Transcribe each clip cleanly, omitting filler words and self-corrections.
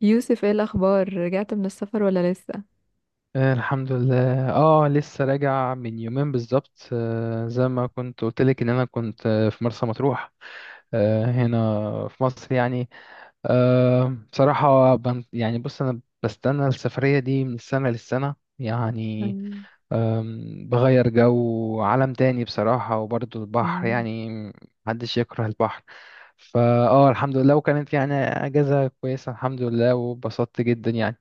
يوسف، ايه الاخبار؟ رجعت من السفر ولا لسه؟ الحمد لله، لسه راجع من يومين بالظبط، زي ما كنت قلت لك ان انا كنت في مرسى مطروح. هنا في مصر يعني. بصراحة، يعني بص، انا بستنى السفرية دي من السنة للسنة يعني. مم. بغير جو عالم تاني بصراحة، وبرضه البحر مم. يعني. محدش يكره البحر. الحمد لله، وكانت يعني اجازة كويسة، الحمد لله، وبسطت جدا يعني.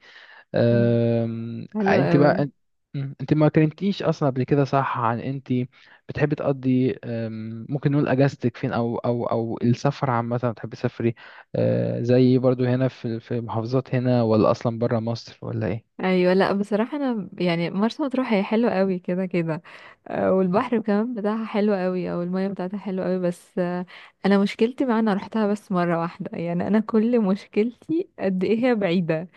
مم. حلو انت قوي. بقى، انت؟ انت ما كلمتنيش اصلا قبل كده، صح؟ عن انت بتحبي تقضي، ممكن نقول اجازتك فين، او السفر عامه بتحبي تسافري؟ زي برضو، هنا في محافظات هنا، ولا اصلا بره مصر، ولا ايه؟ ايوه. لا، بصراحه انا يعني مرسى مطروح هي حلوه قوي كده كده. والبحر كمان بتاعها حلو قوي، او الميه بتاعتها حلوه قوي. بس انا مشكلتي، مع انا روحتها بس مره واحده، يعني انا كل مشكلتي قد ايه هي بعيده.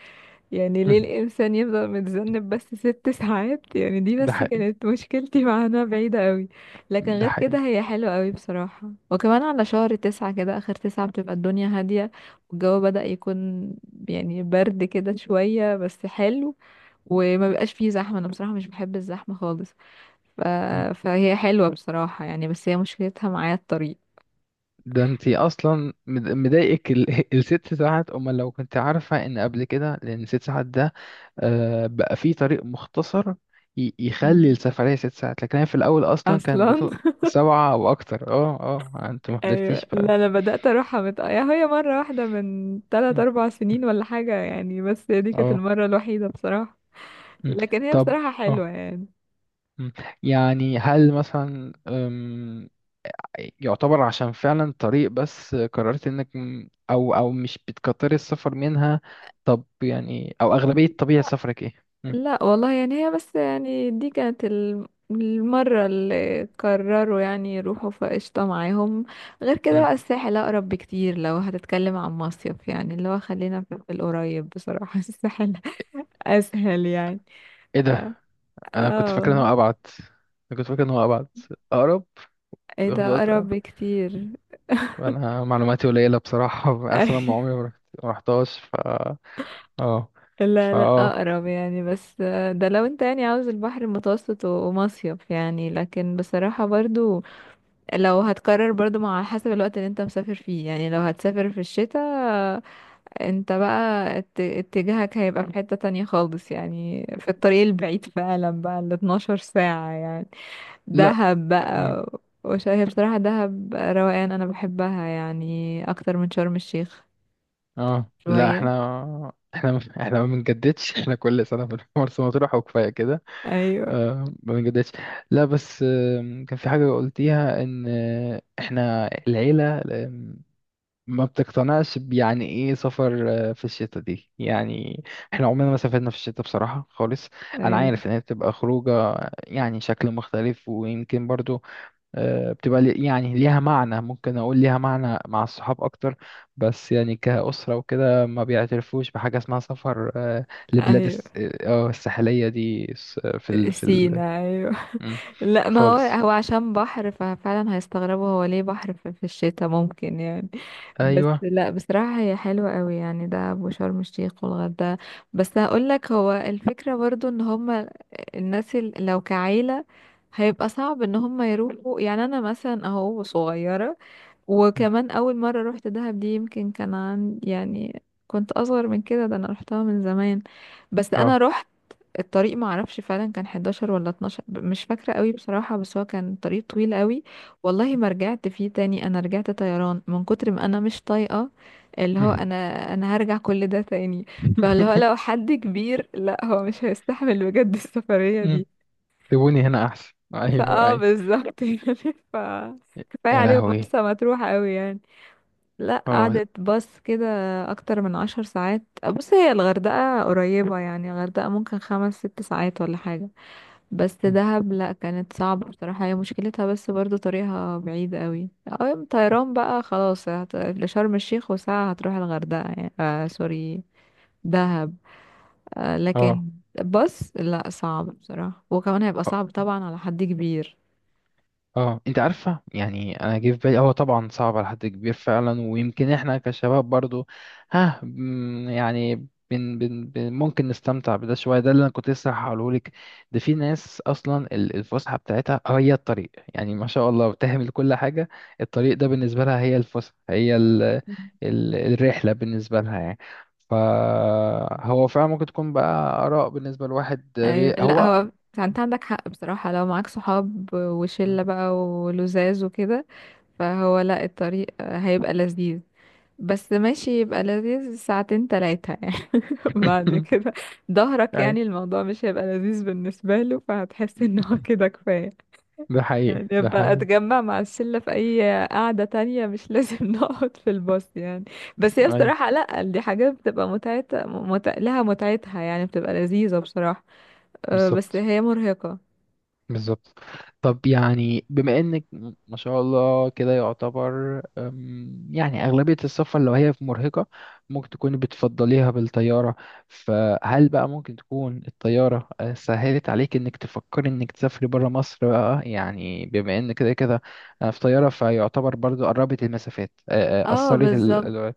يعني ليه مم، الإنسان يفضل متذنب بس 6 ساعات؟ يعني دي ده بس حقيقي. كانت مشكلتي مع إنها بعيدة قوي. لكن ده غير حقيقي. كده هي حلوة قوي بصراحة، وكمان على شهر تسعة كده، آخر تسعة بتبقى الدنيا هادية، والجو بدأ يكون يعني برد كده شوية بس حلو. وما بيبقاش فيه زحمة، أنا بصراحة مش بحب الزحمة خالص. ف... مم. فهي حلوة بصراحة يعني، بس هي مشكلتها معايا الطريق. ده انت اصلا مضايقك الست ساعات، امال لو كنت عارفه ان قبل كده، لان 6 ساعات ده. بقى في طريق مختصر يخلي مم. السفرية 6 ساعات، لكن هي في الأول أصلا كان أصلا. سبعة أو أكتر. اه أنت ما ايوه. حضرتيش بقى. لا انا بدات اروحها يا هي مره واحده من م. 3 4 سنين ولا حاجه يعني، بس هي دي كانت اه. المره الوحيده بصراحه. م. لكن هي طب. بصراحه اه. حلوه يعني. م. يعني هل مثلا، يعتبر عشان فعلا طريق، بس قررت انك او او مش بتكتري السفر منها؟ طب يعني، او اغلبية طبيعة سفرك ايه؟ م. لا والله، يعني هي بس يعني دي كانت المره اللي قرروا يعني يروحوا فقشطه معاهم. غير كده م. بقى الساحل اقرب بكتير، لو هتتكلم عن مصيف يعني، اللي هو خلينا في القريب بصراحه. الساحل اسهل يعني. ايه اه. ده؟ انا كنت آه فاكر ان والله. هو ابعد. انا كنت فاكر ان هو ابعد. اقرب. ايه ياخد ده وقت. اقرب بكتير؟ انا معلوماتي قليله بصراحه، اصلا ما عمري ما رحتهاش، ف... اه. لا، فا لا اه. اقرب يعني. بس ده لو انت يعني عاوز البحر المتوسط و- ومصيف يعني، لكن بصراحة برضو لو هتقرر برضو مع حسب الوقت اللي انت مسافر فيه يعني. لو هتسافر في الشتاء آه، انت بقى اتجاهك هيبقى في حتة تانية خالص يعني، في الطريق البعيد فعلا بقى ال 12 ساعة يعني. لا. دهب أمم. بقى، هي بصراحة دهب روقان، انا بحبها يعني اكتر من شرم الشيخ. اه، لا، شوية. احنا احنا ما بنجددش احنا كل سنه بنروح مرسى مطروح، وكفايه كده. ايوه، آه، ما بنجددش. لا، بس. كان في حاجه قلتيها، ان احنا العيله ما بتقتنعش، يعني ايه سفر في الشتاء دي يعني. احنا عمرنا ما سافرنا في الشتاء بصراحة خالص. انا ايوه، عارف ان هي بتبقى خروجة، يعني شكل مختلف، ويمكن برضو بتبقى يعني ليها معنى، ممكن اقول ليها معنى مع الصحاب اكتر. بس يعني كأسرة وكده ما بيعترفوش بحاجة اسمها سفر، لبلاد ايوه. الساحلية دي، في ال، في ال... سينا أيوه. مم. لا ما هو، خالص. هو عشان بحر ففعلا هيستغربوا هو ليه بحر في الشتاء ممكن يعني. بس ايوه. لا بصراحة هي حلوة قوي يعني، ده أبو شرم الشيخ والغردقة. بس هقول لك، هو الفكرة برضو ان هما الناس لو كعيلة هيبقى صعب ان هما يروحوا. يعني انا مثلا اهو صغيرة، مم. وكمان اول مرة روحت دهب دي يمكن كان عن يعني كنت اصغر من كده، ده انا روحتها من زمان. بس انا اه. روحت الطريق ما اعرفش فعلا كان 11 ولا 12 مش فاكره قوي بصراحه، بس هو كان طريق طويل قوي. والله ما رجعت فيه تاني، انا رجعت طيران من كتر ما انا مش طايقه، اللي هو مم. انا هرجع كل ده تاني. فاللي هو لو حد كبير، لا هو مش هيستحمل بجد السفريه مم. دي. سيبوني هنا احسن، ايوه فاه ايوه. بالظبط يعني. ف كفايه يا عليهم لهوي. مرسى مطروح قوي يعني. لا اه. قعدت باص كده اكتر من 10 ساعات. بص هي الغردقه قريبه يعني، الغردقه ممكن 5 6 ساعات ولا حاجه. بس دهب لا كانت صعبة بصراحة، هي مشكلتها بس برضو طريقها بعيد قوي، او طيران بقى خلاص لشرم الشيخ، وساعة هتروح الغردقة يعني. آه سوري، دهب. آه اه. لكن، بس لا صعب بصراحة، وكمان هيبقى آه. صعب طبعا على حد كبير. اه، انت عارفه، يعني انا جه في بالي هو طبعا صعب على حد كبير فعلا، ويمكن احنا كشباب برضو، ها مم، يعني بن بن بن ممكن نستمتع بده شويه. ده اللي انا كنت لسه هقوله لك. ده في ناس اصلا الفسحه بتاعتها هي الطريق، يعني ما شاء الله بتهمل كل حاجه. الطريق ده بالنسبه لها هي الفسحه، هي ال مم. ال الرحله بالنسبه لها يعني. فهو فعلا ممكن تكون بقى اراء بالنسبه لواحد، أيوة. لا هو. هو انت عندك حق بصراحة، لو معاك صحاب وشلة بقى ولزاز وكده، فهو لا الطريق هيبقى لذيذ. بس ماشي يبقى لذيذ ساعتين تلاتة يعني، بعد كده ظهرك، أي. يعني الموضوع مش هيبقى لذيذ بالنسبة له، فهتحس ان هو كده كفاية. ده حقيقي. يعني ده يبقى حقيقي. اتجمع مع الشلة في اي قعدة تانية، مش لازم نقعد في الباص يعني. بس هي ايوه بصراحة، لا دي حاجات بتبقى متعتها لها متعتها يعني، بتبقى لذيذة بصراحة. بس بالظبط. هي مرهقة. بالظبط. طب يعني، بما انك ما شاء الله كده، يعتبر يعني اغلبية السفر، لو هي في مرهقة، ممكن تكون بتفضليها بالطيارة. فهل بقى ممكن تكون الطيارة سهلت عليك انك تفكري انك تسافري برا مصر بقى، يعني بما ان كده كده في طيارة، فيعتبر برضو قربت المسافات اه اثرت بالظبط.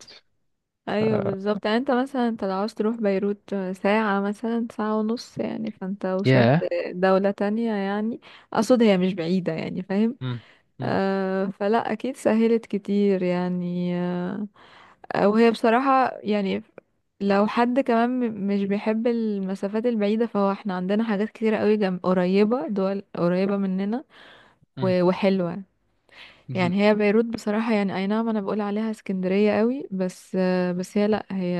ايوه بالظبط يعني. انت مثلا انت لو عاوز تروح بيروت ساعة مثلا ساعة ونص، يعني فانت وصلت ياه. دولة تانية يعني، اقصد هي مش بعيدة يعني، فاهم؟ مم. مم. آه فلا اكيد سهلت كتير يعني وهي بصراحة يعني، لو حد كمان مش بيحب المسافات البعيدة، فهو احنا عندنا حاجات كتيرة قوي جنب، قريبة، دول قريبة مننا مم. وحلوة يعني. هي بيروت بصراحة يعني، اي نعم انا بقول عليها اسكندرية قوي، بس هي لا هي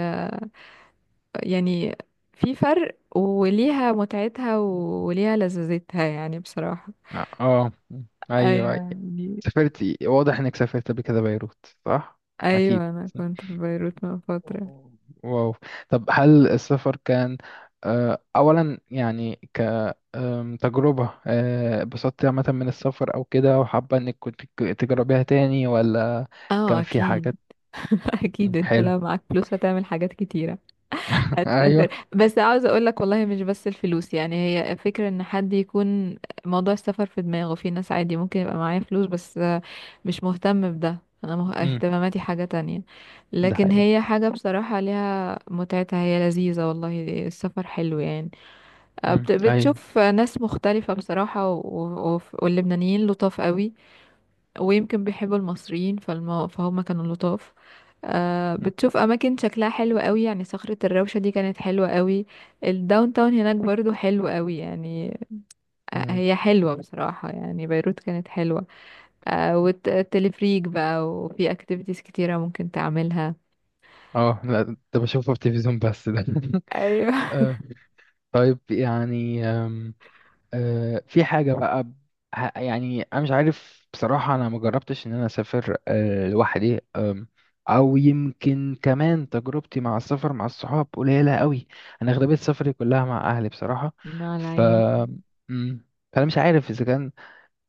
يعني في فرق، وليها متعتها وليها لذذتها يعني بصراحة. اه. مم. ايوه ايوه. يعني. سافرتي، واضح انك سافرت قبل كده بيروت، صح؟ اكيد. ايوه انا كنت في بيروت من فترة. واو. طب هل السفر كان اولا يعني، تجربة اتبسطتي عامة من السفر، او كده، وحابة انك كنت تجربيها تاني، ولا اه كان في اكيد. حاجات؟ مم، اكيد انت حلو. لو معاك فلوس هتعمل حاجات كتيرة، هتسافر. ايوه. بس عاوزة اقولك والله مش بس الفلوس يعني، هي فكرة ان حد يكون موضوع السفر في دماغه. في ناس عادي ممكن يبقى معايا فلوس بس مش مهتم بده. انا امم. اهتماماتي حاجة تانية. ده لكن حقيقي. هي حاجة بصراحة ليها متعتها، هي لذيذة والله، السفر حلو يعني. امم. ايوه. بتشوف ناس مختلفة بصراحة، واللبنانيين لطاف قوي، ويمكن بيحبوا المصريين فهم كانوا لطاف. آه مم. بتشوف اماكن شكلها حلو قوي يعني، صخرة الروشة دي كانت حلوة قوي. الداون تاون هناك برضو حلو قوي يعني. آه مم. هي حلوة بصراحة يعني، بيروت كانت حلوة. آه، والتلفريك بقى، وفي اكتيفيتيز كتيرة ممكن تعملها. اه، لا، ده بشوفه في التلفزيون بس ده ايوه. آه، طيب يعني، في حاجة بقى، يعني أنا مش عارف بصراحة، أنا ما جربتش إن أنا أسافر لوحدي، أو يمكن كمان تجربتي مع السفر مع الصحاب قليلة قوي. أنا أغلبية سفري كلها مع أهلي بصراحة. مع ف... العيلة. مم، فأنا مش عارف إذا كان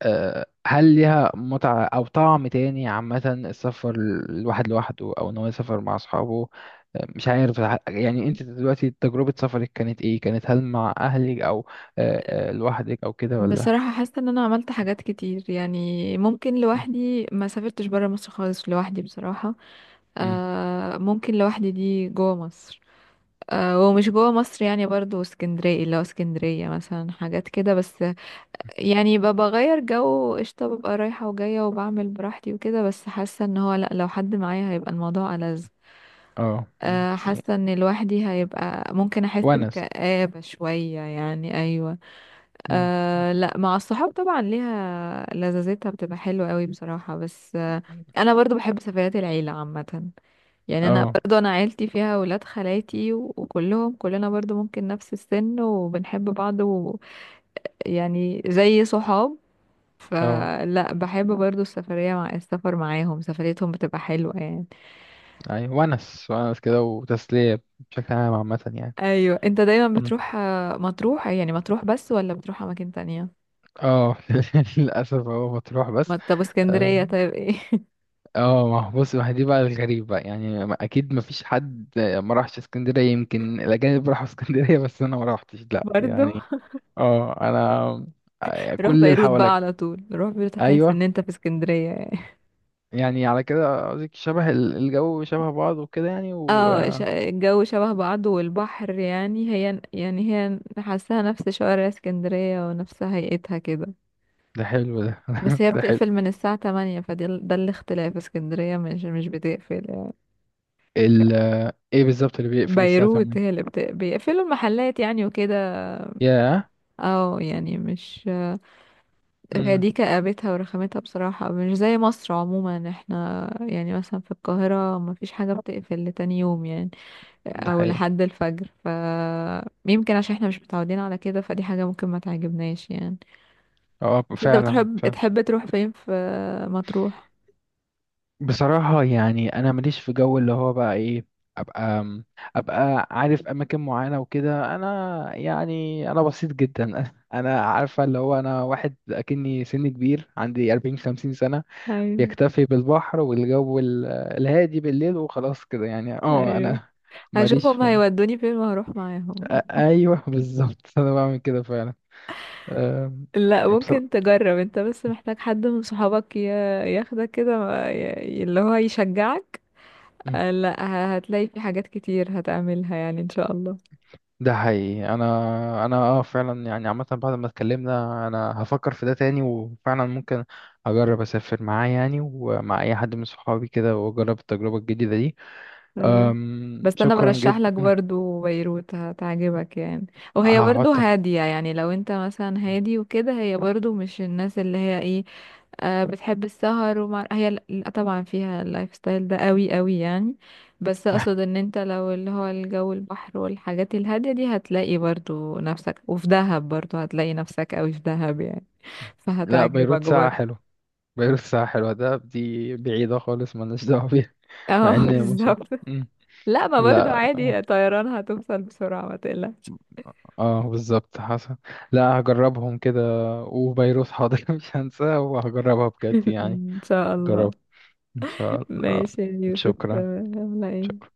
هل ليها متعة أو طعم تاني، عامة السفر الواحد لوحده، أو إن هو يسافر مع أصحابه. مش عارف، يعني أنت دلوقتي تجربة سفرك كانت إيه؟ كانت هل مع أهلك، أو لوحدك، أو كده ولا؟ بصراحة حاسة ان انا عملت حاجات كتير يعني، ممكن م- لوحدي ما سافرتش برا مصر خالص لوحدي بصراحة. م. آه ممكن لوحدي دي جوه مصر. ومش جوه مصر يعني برضو، اسكندرية، اللي هو اسكندرية مثلا حاجات كده بس يعني. ببقى بغير جو قشطة، ببقى رايحة وجاية، وبعمل براحتي وكده. بس حاسة ان هو لأ، لو حد معايا هيبقى الموضوع ألذ. أه. م. حاسة ان لوحدي هيبقى ممكن احس ونس. بكآبة شوية يعني، ايوه. م. أه لا، مع الصحاب طبعا ليها لذاذتها، بتبقى حلوة قوي بصراحة. بس انا برضو بحب سفريات العيلة عامة. يعني انا أه. برضو عيلتي فيها ولاد خالاتي وكلهم، كلنا برضو ممكن نفس السن وبنحب بعض، ويعني زي صحاب، أه. فلا بحب برضو السفرية، مع السفر معاهم سفريتهم بتبقى حلوة يعني. أيوة، ونس ونس كده، وتسلية بشكل عام، عامة يعني. ايوه. انت دايما م. بتروح مطروح يعني، مطروح بس ولا بتروح اماكن تانية؟ أه. للأسف هو مطروح بس. طب آه. اسكندرية طيب، ايه؟ اه، ما هو بص، ما هي دي بقى الغريب بقى، يعني اكيد ما فيش حد ما راحش اسكندريه، يمكن الاجانب راحوا اسكندريه بس انا ما روحتش، لا برضو. يعني. اه، انا روح كل اللي بيروت حواليا. بقى على طول، روح بيروت هتحس ايوه. ان انت في اسكندرية يعني. يعني على كده قصدك شبه الجو شبه بعض وكده، يعني، و... اه الجو شبه بعضه، والبحر يعني، هي يعني هي حاساها نفس شوارع اسكندرية ونفس هيئتها كده. ده حلو، ده بس هي ده حلو. بتقفل من الساعة 8، فده ده الاختلاف. اسكندرية مش بتقفل يعني. ال ايه بالظبط اللي بيقفل الساعه بيروت 8؟ هي اللي بيقفلوا المحلات يعني وكده. ياه. اه يعني، مش هي امم. دي كآبتها ورخامتها بصراحة، مش زي مصر عموما. احنا يعني مثلا في القاهرة مفيش حاجة بتقفل لتاني يوم يعني، ده او حقيقي. لحد الفجر. يمكن عشان احنا مش متعودين على كده، فدي حاجة ممكن ما تعجبناش يعني. اه فعلا، بس انت بتحب فعلا. تحب تروح فين، في مطروح؟ بصراحة يعني أنا ماليش في جو، اللي هو بقى إيه، أبقى أبقى عارف أماكن معينة وكده. أنا يعني أنا بسيط جدا، أنا عارفة اللي هو أنا واحد أكني سني كبير، عندي 40 50 سنة، ايوه، يكتفي بالبحر، والجو الهادي بالليل، وخلاص كده يعني. أه اييوه. أنا هشوف ماليش هما في... هيودوني فين وهروح معاهم. أيوه بالظبط، أنا بعمل كده فعلا. أم، لا ممكن تجرب، انت بس بصراحة محتاج حد من صحابك ياخدك كده، اللي هو يشجعك. لا هتلاقي في حاجات كتير هتعملها يعني ان شاء الله. ده حقيقي. انا اه فعلا، يعني عامه بعد ما اتكلمنا انا هفكر في ده تاني، وفعلا ممكن اجرب اسافر معاه، يعني ومع اي حد من صحابي كده، واجرب التجربه الجديده دي. أيوة. أم، بس انا شكرا برشح لك جدا. برضو بيروت هتعجبك يعني، وهي برضو هحطها. هادية يعني لو انت مثلا هادي وكده. هي برضو مش الناس اللي هي ايه، آه، بتحب السهر. ومع هي لا طبعا فيها اللايف ستايل ده قوي قوي يعني. بس اقصد، ان انت لو اللي هو الجو البحر والحاجات الهادية دي، هتلاقي برضو نفسك، وفي دهب برضو هتلاقي نفسك قوي في دهب يعني، لا، فهتعجبك بيروت ساعه برضو. حلوه. بيروت ساعه حلوه، ده دي بعيده خالص، مالناش دعوه بيها. اه مع ان مش... بالظبط. مم. لا ما برضو لا، اه. عادي، طيران هتوصل بسرعة ما تقلقش. بالظبط حصل. لا، هجربهم كده، وبيروت حاضر مش هنساها، وهجربها بجد يعني. إن شاء الله. جربها. فلا ماشي يا يوسف، شكرا. يلا إيه؟